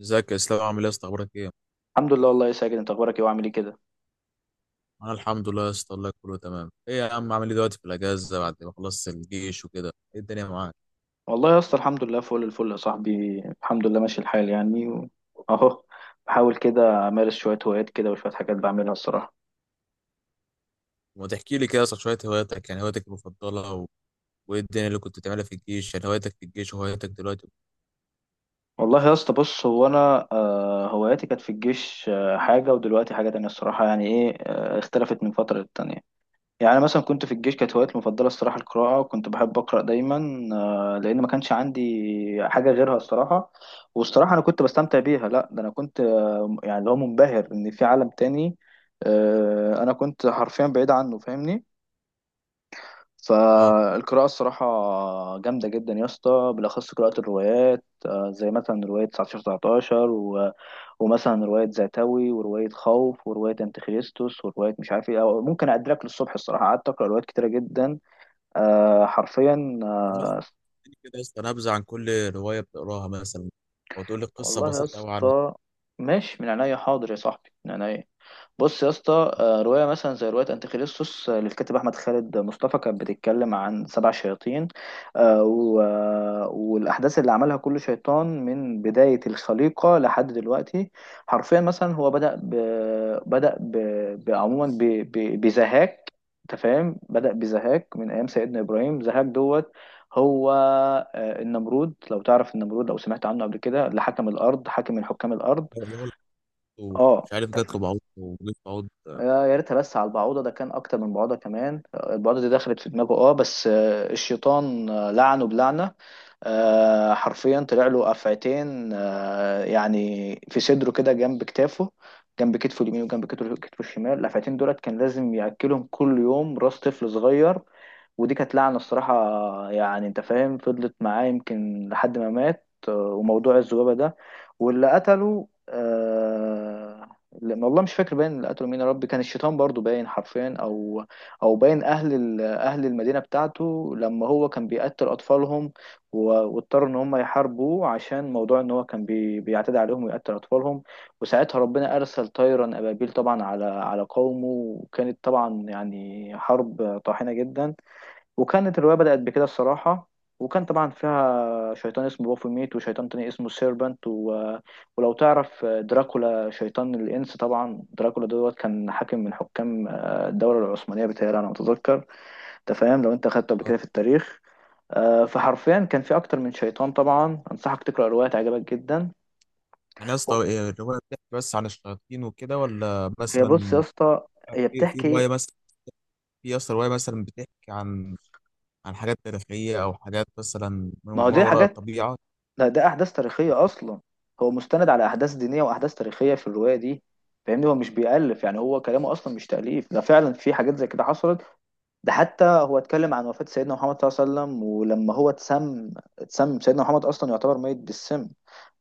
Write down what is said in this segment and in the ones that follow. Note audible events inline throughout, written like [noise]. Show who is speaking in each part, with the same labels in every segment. Speaker 1: ازيك يا اسلام، عامل ايه يا اسطى، اخبارك ايه؟
Speaker 2: الحمد لله، والله يا ساجد، انت اخبارك ايه وعامل ايه كده؟
Speaker 1: انا الحمد لله يا اسطى، الله كله تمام. ايه يا عم عامل ايه دلوقتي في الاجازه بعد ما خلصت الجيش وكده، ايه الدنيا معاك؟
Speaker 2: والله يا اسطى، الحمد لله فل الفل يا صاحبي، الحمد لله ماشي الحال يعني اهو، بحاول كده امارس شويه هوايات كده وشويه حاجات بعملها الصراحه.
Speaker 1: وما تحكي لي كده يا اسطى شويه هواياتك، يعني هواياتك المفضله وايه الدنيا اللي كنت بتعملها في الجيش، يعني هواياتك في الجيش وهواياتك دلوقتي.
Speaker 2: والله يا اسطى، بص هو انا هواياتي كانت في الجيش حاجه، ودلوقتي حاجه تانية الصراحه، يعني ايه اختلفت من فتره للتانية. يعني مثلا كنت في الجيش كانت هوايتي المفضلة الصراحة القراءة، وكنت بحب أقرأ دايما لأن ما كانش عندي حاجة غيرها الصراحة. والصراحة أنا كنت بستمتع بيها، لا ده أنا كنت يعني اللي هو منبهر إن في عالم تاني أنا كنت حرفيا بعيد عنه، فاهمني؟
Speaker 1: اه،
Speaker 2: فالقراءة الصراحة جامدة جدا يا اسطى، بالأخص قراءة الروايات زي مثلا رواية 19 19 ومثلا رواية زاتوي، ورواية خوف، ورواية أنتيخريستوس، ورواية مش عارف ايه، أو ممكن أدرك للصبح، الصراحة قعدت أقرأ روايات كتيرة جدا حرفيا
Speaker 1: الناس بتحكي كده يا اسطى نبذه عن كل روايه بتقراها مثلا، او تقول لي قصه
Speaker 2: والله يا
Speaker 1: بسيطه قوي عن
Speaker 2: اسطى ماشي، من عينيا، حاضر يا صاحبي، من عينيا. بص يا اسطى، رواية مثلا زي رواية أنتيخريستوس للكاتب أحمد خالد مصطفى، كانت بتتكلم عن سبع شياطين والأحداث اللي عملها كل شيطان من بداية الخليقة لحد دلوقتي. حرفيا مثلا هو بدأ ب... بدأ ب... ب... عموما ب... ب... بزهاك، أنت فاهم؟ بدأ بزهاك من أيام سيدنا إبراهيم، زهاك دوت، هو النمرود، لو تعرف النمرود، لو سمعت عنه قبل كده، اللي حكم الأرض، حاكم من حكام الأرض.
Speaker 1: الرجل،
Speaker 2: اه،
Speaker 1: ومش عارف جات له بعوض وجيت بعوض
Speaker 2: يا ريتها بس على البعوضة، ده كان أكتر من بعوضة كمان، البعوضة دي دخلت في دماغه، اه بس الشيطان لعنه بلعنة، حرفيا طلع له أفعتين يعني في صدره كده جنب كتافه، جنب كتفه اليمين وجنب كتفه الشمال، الأفعتين دولت كان لازم يأكلهم كل يوم راس طفل صغير، ودي كانت لعنة الصراحة، يعني انت فاهم، فضلت معاه يمكن لحد ما مات وموضوع الذبابة ده، واللي قتله لأن والله مش فاكر باين اللي قتلوا مين، يا رب كان الشيطان برضو، باين حرفيا، او باين اهل المدينه بتاعته لما هو كان بيقتل اطفالهم، واضطر ان هم يحاربوه عشان موضوع ان هو كان بيعتدي عليهم ويقتل اطفالهم، وساعتها ربنا ارسل طيرا ابابيل طبعا على قومه، وكانت طبعا يعني حرب طاحنه جدا. وكانت الرواية بدأت بكده الصراحة، وكان طبعا فيها شيطان اسمه بافوميت، وشيطان تاني اسمه سيربنت ولو تعرف دراكولا، شيطان الإنس طبعا، دراكولا دوت كان حاكم من حكام الدولة العثمانية، بتهيألي أنا متذكر، أنت فاهم؟ لو أنت أخدته قبل كده في التاريخ. فحرفيا كان في أكتر من شيطان، طبعا أنصحك تقرأ الرواية، تعجبك جدا.
Speaker 1: يعني يا اسطى إيه الروايه، بتحكي بس عن الشياطين وكده، ولا
Speaker 2: هي بص يا
Speaker 1: مثلا
Speaker 2: اسطى، هي
Speaker 1: في
Speaker 2: بتحكي،
Speaker 1: روايه، مثلا في أصلا رواية مثلا بتحكي عن حاجات تاريخية أو حاجات مثلا
Speaker 2: ما هو
Speaker 1: ما
Speaker 2: دي
Speaker 1: وراء
Speaker 2: حاجات،
Speaker 1: الطبيعة؟
Speaker 2: لا ده احداث تاريخيه اصلا، هو مستند على احداث دينيه واحداث تاريخيه في الروايه دي، فاهمني؟ هو مش بيألف، يعني هو كلامه اصلا مش تأليف، ده فعلا في حاجات زي كده حصلت، ده حتى هو اتكلم عن وفاة سيدنا محمد صلى الله عليه وسلم، ولما هو اتسم سيدنا محمد أصلا يعتبر ميت بالسم،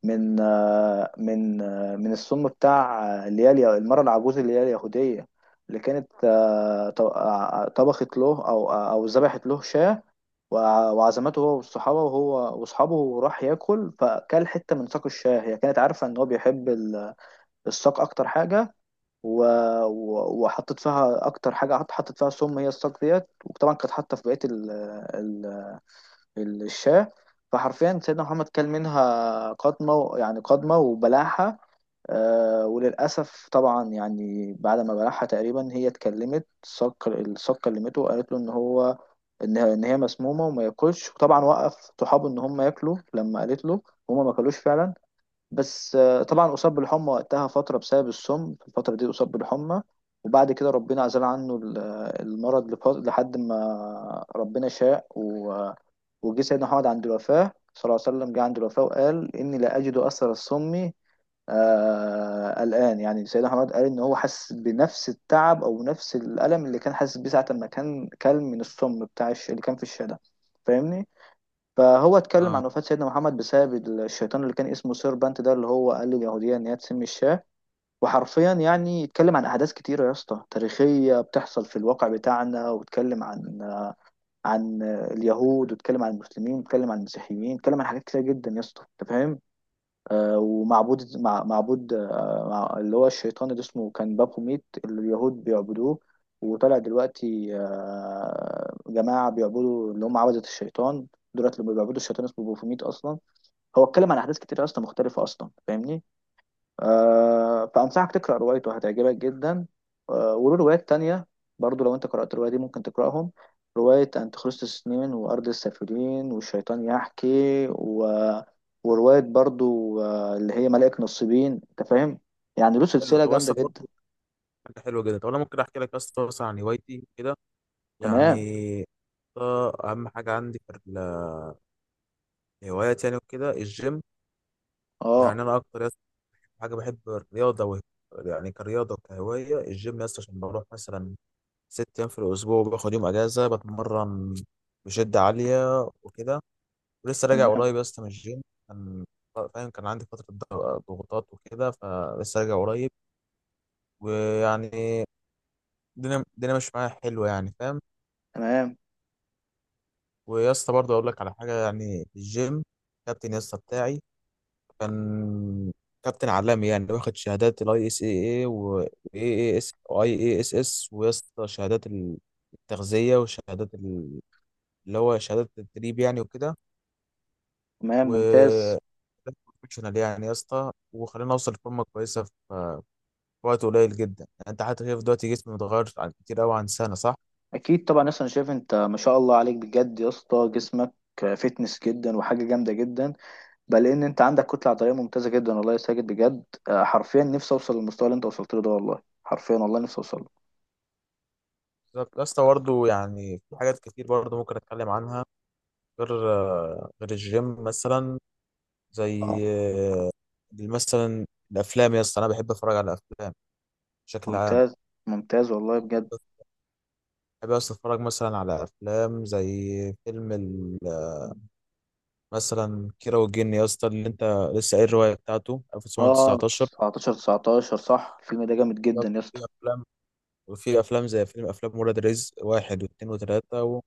Speaker 2: من السم بتاع اللي هي المرأة العجوز اللي هي اليهودية، اللي كانت طبخت له، أو ذبحت له شاة، وعزمته هو والصحابة، وهو وأصحابه، وراح ياكل، فكل حتة من ساق الشاه، هي كانت عارفة إن هو بيحب الساق أكتر حاجة، و... وحطيت فيها اكتر حاجه، حطيت فيها سم، هي الصاج ديت، وطبعا كانت حاطه في بقيه ال... الشاه. فحرفيا سيدنا محمد كل منها قضمه يعني قضمه وبلعها، وللاسف طبعا يعني بعد ما بلعها تقريبا هي اتكلمت، الصاج كلمته، وقالت له ان هو، ان هي مسمومه وما ياكلش، وطبعا وقف صحابه ان هم ياكلوا لما قالت له، هما ما كلوش فعلا، بس طبعا أصاب بالحمى وقتها فترة، بسبب السم في الفترة دي أصاب بالحمى، وبعد كده ربنا عزل عنه المرض لحد ما ربنا شاء وجه سيدنا محمد عند الوفاة صلى الله عليه وسلم، جه عند الوفاة وقال إني لا أجد أثر السم الآن، يعني سيدنا محمد قال إن هو حس بنفس التعب أو نفس الألم اللي كان حاسس بيه ساعة ما كان كل من السم بتاع اللي كان في الشارع، فاهمني؟ فهو اتكلم
Speaker 1: اه،
Speaker 2: عن وفاة سيدنا محمد بسبب الشيطان اللي كان اسمه سيربانت ده، اللي هو قال لليهودية إن هي تسمي الشاه. وحرفيا يعني اتكلم عن أحداث كتيرة يا اسطى تاريخية بتحصل في الواقع بتاعنا، واتكلم عن اليهود، واتكلم عن المسلمين، واتكلم عن المسيحيين، اتكلم عن حاجات كتيرة جدا يا اسطى، أنت فاهم، ومعبود مع معبود مع اللي هو الشيطان اللي اسمه كان بابوميت اللي اليهود بيعبدوه، وطلع دلوقتي جماعة بيعبدوا اللي هم عبدة الشيطان، دولت اللي بيعبدوا الشيطان اسمه بابوميت أصلا. هو اتكلم عن أحداث كتير أصلا مختلفة أصلا، فاهمني؟ فأنصحك تقرأ روايته، هتعجبك جدا وله روايات تانية برضو، لو أنت قرأت الرواية دي ممكن تقرأهم، رواية أنتيخريستوس نين، وأرض السافلين، والشيطان يحكي ورواية برضو اللي هي ملائكة نصيبين، أنت فاهم، يعني له
Speaker 1: حلو.
Speaker 2: سلسلة
Speaker 1: طب
Speaker 2: جامدة
Speaker 1: أصلا
Speaker 2: جدا.
Speaker 1: برضه حاجة حلوة جدا. طب أنا ممكن أحكي لك أصلا مثلا عن هوايتي كده،
Speaker 2: تمام.
Speaker 1: يعني ده أهم حاجة عندي في الهوايات، يعني وكده الجيم.
Speaker 2: أه.
Speaker 1: يعني أنا أكتر حاجة بحب الرياضة يعني كرياضة وكهواية الجيم، يس، عشان بروح مثلا 6 أيام في الأسبوع وباخد يوم أجازة، بتمرن بشدة عالية وكده. ولسه راجع
Speaker 2: تمام،
Speaker 1: قريب يا اسطى من الجيم. كان فاهم كان عندي فترة ضغوطات وكده، فلسه راجع قريب، ويعني الدنيا مش معايا حلوة، يعني فاهم.
Speaker 2: تمام،
Speaker 1: ويا اسطى برضه أقول لك على حاجة، يعني في الجيم كابتن يا اسطى بتاعي كان كابتن عالمي، يعني واخد شهادات الاي اس اي اي واي اي اس واي اي اس اس، ويا اسطى شهادات التغذية، وشهادات ال- اللي هو شهادات التدريب يعني وكده،
Speaker 2: تمام. ممتاز.
Speaker 1: و بروفيشنال يعني يا اسطى. وخلينا اوصل لفورمه كويسه في وقت قليل جدا، يعني انت حتى شايف دلوقتي جسمي متغير عن كتير قوي عن سنه، صح؟
Speaker 2: أكيد طبعا، أصلا شايف أنت ما شاء الله عليك بجد يا اسطى، جسمك فتنس جدا، وحاجة جامدة جدا، بل ان انت عندك كتله عضليه ممتازه جدا والله يا ساجد بجد. حرفيا نفسي اوصل للمستوى اللي انت وصلت له ده، والله حرفيا، والله نفسي اوصل له.
Speaker 1: بالظبط يا اسطى. برضه يعني في حاجات كتير برضه ممكن اتكلم عنها غير الجيم مثلا،
Speaker 2: اه.
Speaker 1: زي مثلا الافلام. يا اسطى انا بحب اتفرج على افلام بشكل عام.
Speaker 2: ممتاز، ممتاز والله بجد.
Speaker 1: بحب يا اسطى اتفرج مثلا على افلام زي فيلم ال- مثلا كيرة والجن يا اسطى، اللي انت لسه قايل الروايه بتاعته
Speaker 2: اه،
Speaker 1: 1919.
Speaker 2: 19 19 صح، الفيلم ده جامد
Speaker 1: بالظبط.
Speaker 2: جدا يا
Speaker 1: في
Speaker 2: اسطى.
Speaker 1: افلام، وفي افلام زي فيلم، افلام ولاد رزق 1 و2 و3،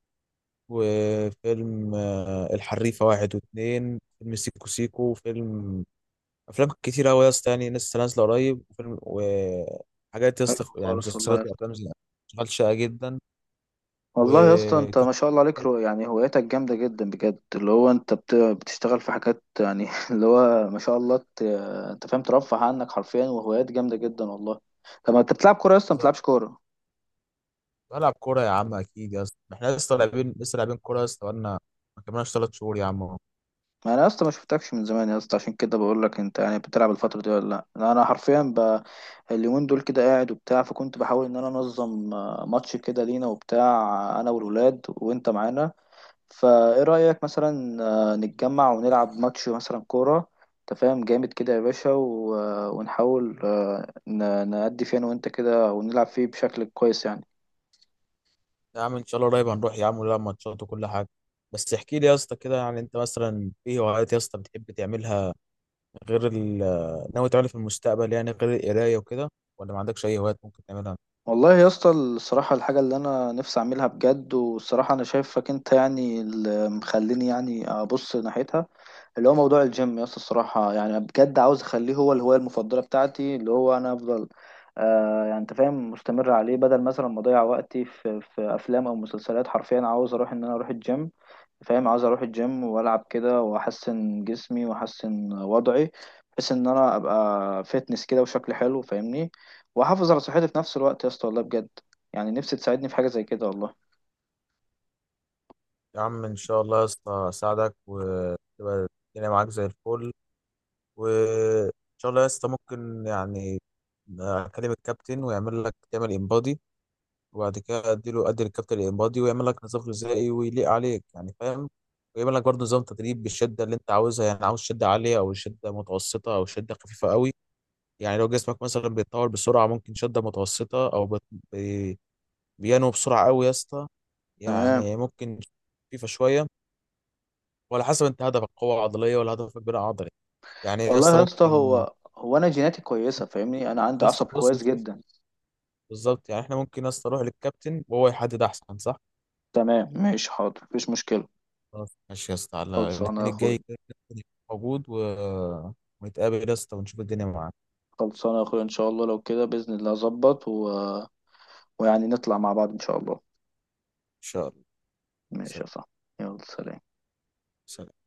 Speaker 1: وفيلم الحريفة 1 و2، فيلم سيكو سيكو، فيلم أفلام كتير أوي يا اسطى، يعني لسه نازلة قريب. وفيلم وحاجات يا
Speaker 2: حلو
Speaker 1: اسطى، يعني
Speaker 2: خالص والله
Speaker 1: مسلسلات
Speaker 2: يا اسطى.
Speaker 1: وأفلام زي أشغال شاقة جدا،
Speaker 2: والله يا اسطى انت
Speaker 1: وكان
Speaker 2: ما شاء الله عليك، يعني هوايتك جامده جدا بجد، اللي هو انت بتشتغل في حاجات يعني [laughs] اللي هو ما شاء الله انت فاهم، ترفه عنك حرفيا، وهوايات جامده جدا والله. طب ما انت بتلعب كوره يا اسطى؟ ما بتلعبش كوره؟
Speaker 1: بلعب كورة. يا عم أكيد يا اسطى، احنا لسه لاعبين كورة يا اسطى، بقالنا ما كملناش 3 شهور يا عم أهو.
Speaker 2: ما انا اصلا ما شفتكش من زمان يا اسطى، عشان كده بقول لك، انت يعني بتلعب الفتره دي ولا لا؟ أنا حرفيا اليومين دول كده قاعد وبتاع، فكنت بحاول ان انا انظم ماتش كده لينا وبتاع، انا والولاد وانت معانا، فايه رايك مثلا نتجمع ونلعب ماتش مثلا كوره، انت فاهم؟ جامد كده يا باشا و... آه، ونحاول نأدي فيه انا وانت كده، ونلعب فيه بشكل كويس يعني.
Speaker 1: يا عم إن شاء الله قريب هنروح يا عم ونلعب ماتشات وكل حاجة. بس احكي لي يا اسطى كده، يعني أنت مثلا إيه هوايات يا اسطى بتحب تعملها غير ناوي تعمل في المستقبل، يعني غير القراية وكده، ولا ما عندكش أي هوايات ممكن تعملها؟
Speaker 2: والله يا اسطى الصراحة، الحاجة اللي أنا نفسي أعملها بجد، والصراحة أنا شايفك أنت يعني اللي مخليني يعني أبص ناحيتها، اللي هو موضوع الجيم يا اسطى الصراحة، يعني بجد عاوز اخليه هو الهواية المفضلة بتاعتي، اللي هو انا افضل يعني انت فاهم مستمر عليه، بدل مثلا ما اضيع وقتي في افلام او مسلسلات، حرفيا عاوز اروح ان انا اروح الجيم، فاهم؟ عاوز اروح الجيم والعب كده، واحسن جسمي واحسن وضعي، بحيث ان انا ابقى فيتنس كده وشكل حلو، فاهمني، واحافظ على صحتي في نفس الوقت يا اسطى والله بجد، يعني نفسي تساعدني في حاجة زي كده والله.
Speaker 1: يا عم إن شاء الله يا اسطى أساعدك، وتبقى الدنيا معاك زي الفل. وإن شاء الله يا اسطى ممكن يعني أكلم الكابتن ويعمل لك تعمل إنبادي. وبعد كده أدي للكابتن الإنبادي، ويعمل لك نظام غذائي ويليق عليك، يعني فاهم؟ ويعمل لك برضه نظام تدريب بالشدة اللي أنت عاوزها، يعني عاوز شدة عالية أو شدة متوسطة أو شدة خفيفة قوي. يعني لو جسمك مثلا بيتطور بسرعة ممكن شدة متوسطة، أو بيانو بسرعة قوي يا اسطى،
Speaker 2: تمام.
Speaker 1: يعني ممكن فيفا شوية. وعلى حسب انت هدفك قوة عضلية ولا هدفك بناء عضلي، يعني يا اسطى
Speaker 2: والله يا اسطى،
Speaker 1: ممكن.
Speaker 2: هو انا جيناتي كويسة، فاهمني، انا عندي
Speaker 1: يا
Speaker 2: عصب
Speaker 1: اسطى بص بص
Speaker 2: كويس
Speaker 1: بص.
Speaker 2: جدا.
Speaker 1: بالظبط، يعني احنا ممكن يا اسطى نروح للكابتن وهو يحدد احسن، صح؟
Speaker 2: تمام، ماشي، حاضر، مفيش مشكلة.
Speaker 1: خلاص ماشي يا اسطى، على
Speaker 2: خلصانة يا
Speaker 1: الاثنين الجاي
Speaker 2: اخويا.
Speaker 1: كده الكابتن يكون موجود، ونتقابل يا اسطى ونشوف الدنيا معاك
Speaker 2: خلصانة يا اخويا، ان شاء الله لو كده بإذن الله اظبط ويعني نطلع مع بعض ان شاء الله.
Speaker 1: ان شاء الله.
Speaker 2: ماشي
Speaker 1: سلام.
Speaker 2: يا صاحبي، يلا سلام.
Speaker 1: سلام.